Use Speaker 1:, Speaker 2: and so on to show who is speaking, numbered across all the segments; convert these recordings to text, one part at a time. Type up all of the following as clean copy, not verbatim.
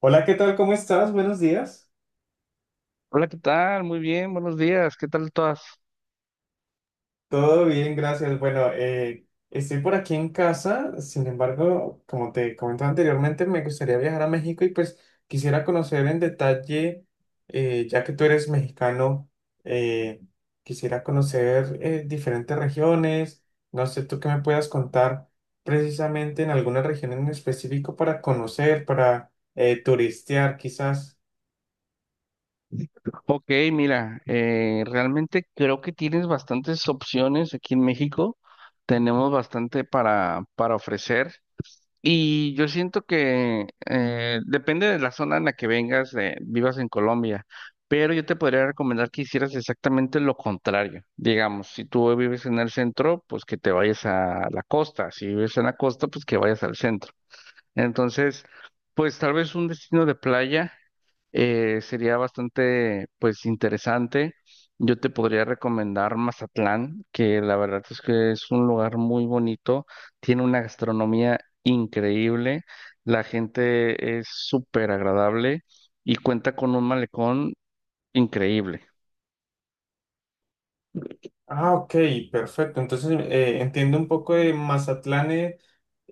Speaker 1: Hola, ¿qué tal? ¿Cómo estás? Buenos días.
Speaker 2: Hola, ¿qué tal? Muy bien, buenos días. ¿Qué tal todas?
Speaker 1: Todo bien, gracias. Bueno, estoy por aquí en casa, sin embargo, como te comentaba anteriormente, me gustaría viajar a México y pues quisiera conocer en detalle, ya que tú eres mexicano, eh, quisiera conocer diferentes regiones. No sé, tú qué me puedas contar precisamente en alguna región en específico para conocer, para turistear quizás.
Speaker 2: Ok, mira, realmente creo que tienes bastantes opciones aquí en México. Tenemos bastante para ofrecer. Y yo siento que depende de la zona en la que vengas, vivas en Colombia, pero yo te podría recomendar que hicieras exactamente lo contrario. Digamos, si tú vives en el centro, pues que te vayas a la costa. Si vives en la costa, pues que vayas al centro. Entonces, pues tal vez un destino de playa. Sería bastante, pues, interesante. Yo te podría recomendar Mazatlán, que la verdad es que es un lugar muy bonito, tiene una gastronomía increíble, la gente es súper agradable y cuenta con un malecón increíble.
Speaker 1: Ah, ok, perfecto. Entonces entiendo un poco de Mazatlán.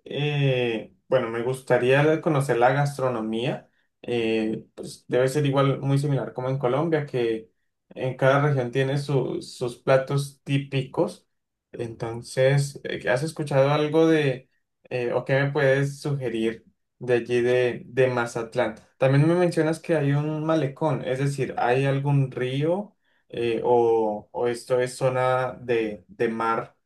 Speaker 1: Bueno, me gustaría conocer la gastronomía. Pues debe ser igual, muy similar como en Colombia, que en cada región tiene sus platos típicos. Entonces, ¿has escuchado algo de, o qué me puedes sugerir de allí de Mazatlán? También me mencionas que hay un malecón, es decir, ¿hay algún río o esto es zona de mar?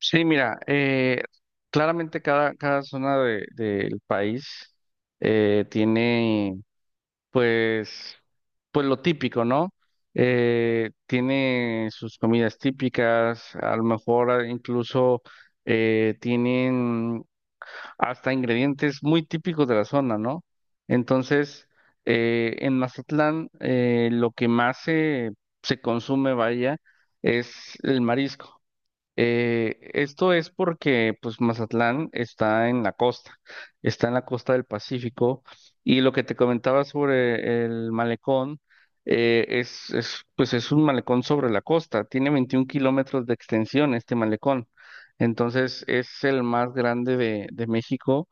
Speaker 2: Sí, mira, claramente cada zona del país eh, tiene Pues, pues lo típico, ¿no? Tiene sus comidas típicas, a lo mejor incluso tienen hasta ingredientes muy típicos de la zona, ¿no? Entonces, en Mazatlán lo que más se consume, vaya, es el marisco. Esto es porque pues Mazatlán está en la costa, está en la costa del Pacífico, y lo que te comentaba sobre el malecón pues es un malecón sobre la costa, tiene 21 kilómetros de extensión este malecón, entonces es el más grande de México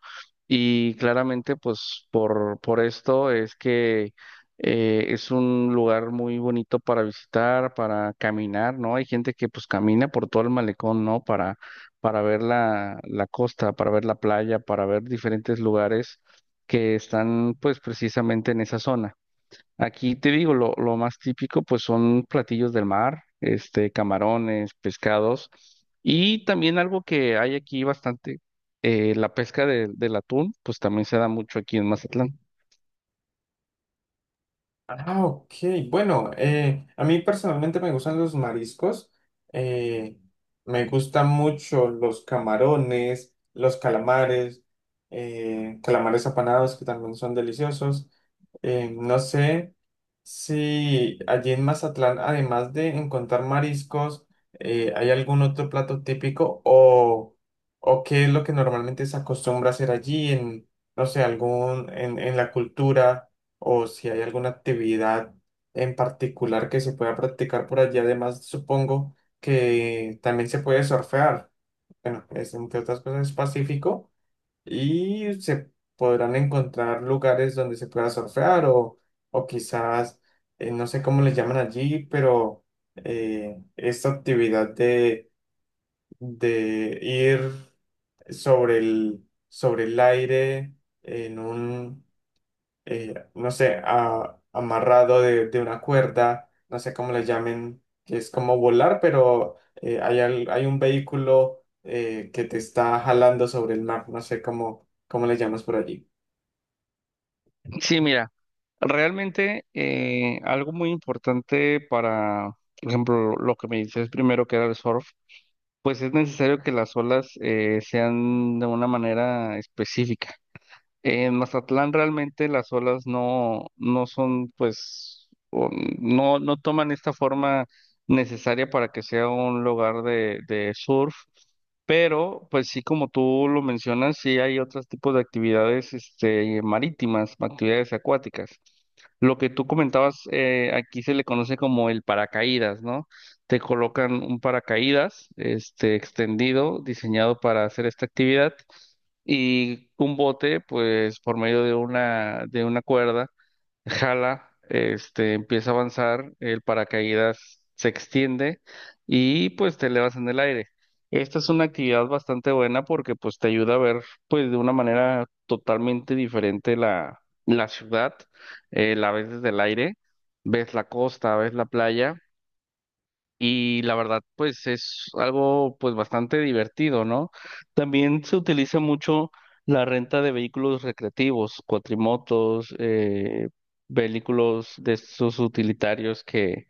Speaker 2: y claramente pues por esto es que es un lugar muy bonito para visitar, para caminar, ¿no? Hay gente que pues camina por todo el malecón, ¿no? Para ver la costa, para ver la playa, para ver diferentes lugares que están pues precisamente en esa zona. Aquí te digo, lo más típico pues son platillos del mar, este, camarones, pescados, y también algo que hay aquí bastante, la pesca del atún, pues también se da mucho aquí en Mazatlán.
Speaker 1: Ah, ok. Bueno, a mí personalmente me gustan los mariscos. eh, Me gustan mucho los camarones, los calamares, calamares apanados que también son deliciosos. No sé si allí en Mazatlán, además de encontrar mariscos, hay algún otro plato típico o qué es lo que normalmente se acostumbra a hacer allí en, no sé, algún, en la cultura o si hay alguna actividad en particular que se pueda practicar por allí. Además, supongo que también se puede surfear. Bueno, es entre otras cosas es pacífico y se podrán encontrar lugares donde se pueda surfear o quizás, no sé cómo les llaman allí, pero esta actividad de ir sobre el aire en un, no sé, amarrado de una cuerda, no sé cómo le llamen, que es como volar, pero hay, hay un vehículo que te está jalando sobre el mar, no sé cómo, cómo le llamas por allí.
Speaker 2: Sí, mira, realmente algo muy importante por ejemplo, lo que me dices primero que era el surf, pues es necesario que las olas sean de una manera específica. En Mazatlán realmente las olas no son, pues, o no toman esta forma necesaria para que sea un lugar de surf, pero pues sí, como tú lo mencionas, sí hay otros tipos de actividades, este, marítimas, actividades acuáticas. Lo que tú comentabas, aquí se le conoce como el paracaídas, ¿no? Te colocan un paracaídas, este, extendido, diseñado para hacer esta actividad, y un bote, pues por medio de de una cuerda, jala, este, empieza a avanzar, el paracaídas se extiende y pues te elevas en el aire. Esta es una actividad bastante buena porque pues te ayuda a ver pues de una manera totalmente diferente la ciudad, la ves desde el aire, ves la costa, ves la playa, y la verdad, pues es algo pues bastante divertido, ¿no? También se utiliza mucho la renta de vehículos recreativos, cuatrimotos, vehículos de estos utilitarios que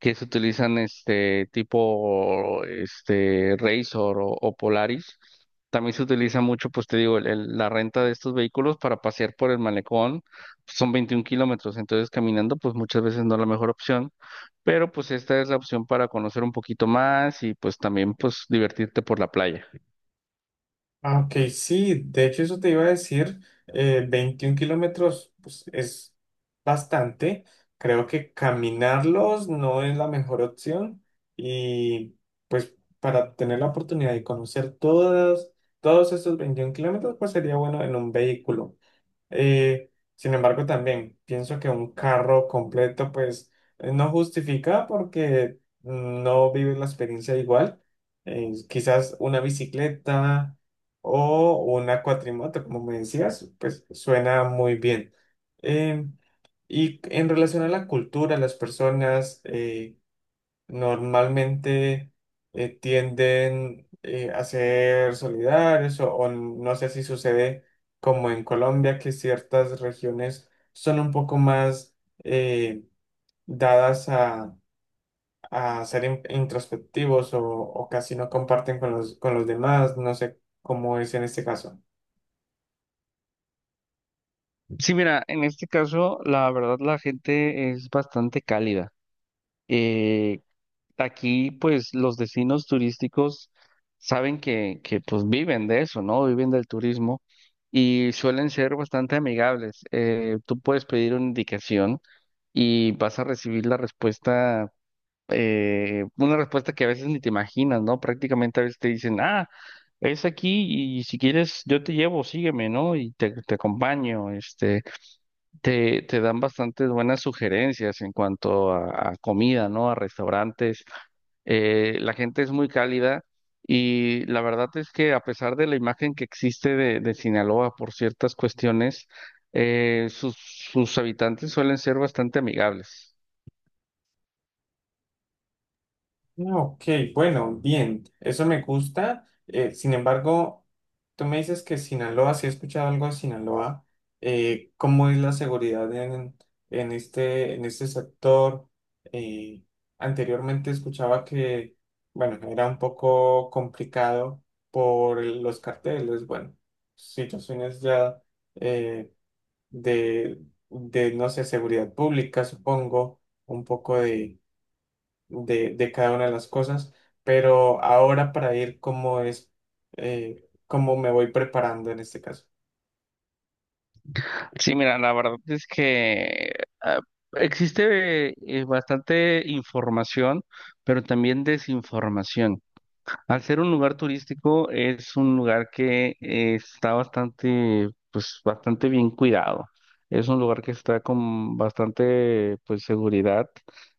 Speaker 2: que se utilizan este tipo, este Razor, o Polaris. También se utiliza mucho, pues te digo, la renta de estos vehículos para pasear por el malecón, son 21 kilómetros, entonces caminando pues muchas veces no es la mejor opción, pero pues esta es la opción para conocer un poquito más y pues también pues divertirte por la playa.
Speaker 1: Ah, ok, sí, de hecho eso te iba a decir, 21 kilómetros pues, es bastante, creo que caminarlos no es la mejor opción y pues para tener la oportunidad de conocer todos, todos esos 21 kilómetros pues sería bueno en un vehículo. Sin embargo, también pienso que un carro completo, pues, no justifica porque no vives la experiencia igual. Quizás una bicicleta o una cuatrimoto, como me decías, pues suena muy bien. Eh, y en relación a la cultura, las personas, normalmente tienden a ser solidarios o no sé si sucede como en Colombia, que ciertas regiones son un poco más eh, dadas a ser introspectivos o casi no comparten con los demás, no sé cómo es en este caso.
Speaker 2: Sí, mira, en este caso la verdad la gente es bastante cálida. Eh, Aquí, pues, los destinos turísticos saben pues, viven de eso, ¿no? Viven del turismo y suelen ser bastante amigables. Tú puedes pedir una indicación y vas a recibir la respuesta, una respuesta que a veces ni te imaginas, ¿no? Prácticamente a veces te dicen, ah, es aquí y si quieres yo te llevo, sígueme, ¿no? Y te acompaño, este. Te dan bastantes buenas sugerencias en cuanto a comida, ¿no? A restaurantes. La gente es muy cálida, y la verdad es que a pesar de la imagen que existe de Sinaloa por ciertas cuestiones, sus habitantes suelen ser bastante amigables.
Speaker 1: Ok, bueno, bien, eso me gusta. Sin embargo, tú me dices que Sinaloa, si he escuchado algo de Sinaloa, ¿cómo es la seguridad en este sector? Eh, Anteriormente escuchaba que, bueno, era un poco complicado por los carteles, bueno, situaciones ya eh, de, de, no sé, seguridad pública, supongo, un poco de cada una de las cosas, pero ahora para ir cómo es, cómo me voy preparando en este caso.
Speaker 2: Sí, mira, la verdad es que ah, existe bastante información, pero también desinformación. Al ser un lugar turístico, es un lugar que está bastante, pues, bastante bien cuidado. Es un lugar que está con bastante, pues, seguridad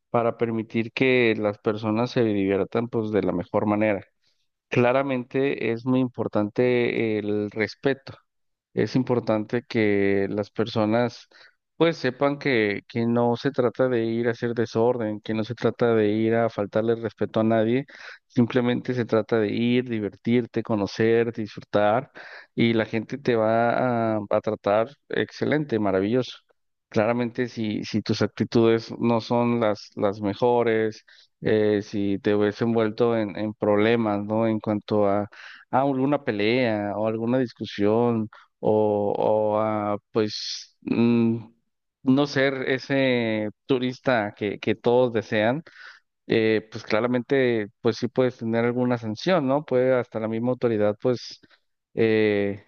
Speaker 2: para permitir que las personas se diviertan, pues, de la mejor manera. Claramente es muy importante el respeto. Es importante que las personas pues sepan que no se trata de ir a hacer desorden, que no se trata de ir a faltarle respeto a nadie, simplemente se trata de ir, divertirte, conocer, disfrutar, y la gente te va a tratar excelente, maravilloso. Claramente si tus actitudes no son las mejores, si te hubiese envuelto en problemas, ¿no? En cuanto a alguna pelea o alguna discusión pues, no ser ese turista que todos desean, pues claramente, pues sí puedes tener alguna sanción, ¿no? Puede hasta la misma autoridad, pues, eh,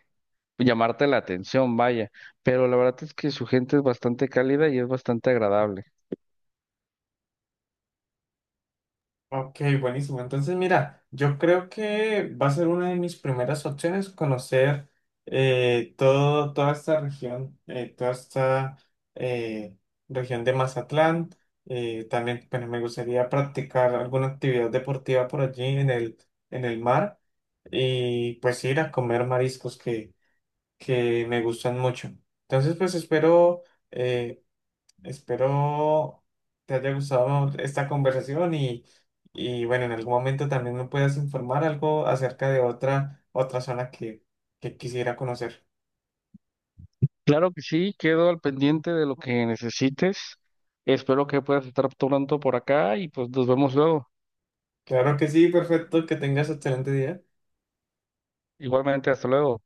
Speaker 2: llamarte la atención, vaya. Pero la verdad es que su gente es bastante cálida y es bastante agradable.
Speaker 1: Ok, buenísimo. Entonces, mira, yo creo que va a ser una de mis primeras opciones conocer todo, toda esta eh, región de Mazatlán. También bueno, me gustaría practicar alguna actividad deportiva por allí en el mar y pues ir a comer mariscos que me gustan mucho. Entonces, pues espero, eh, espero te haya gustado esta conversación y bueno, en algún momento también me puedas informar algo acerca de otra, otra zona que quisiera conocer.
Speaker 2: Claro que sí, quedo al pendiente de lo que necesites. Espero que puedas estar pronto por acá y pues nos vemos luego.
Speaker 1: Claro que sí, perfecto, que tengas excelente día.
Speaker 2: Igualmente, hasta luego.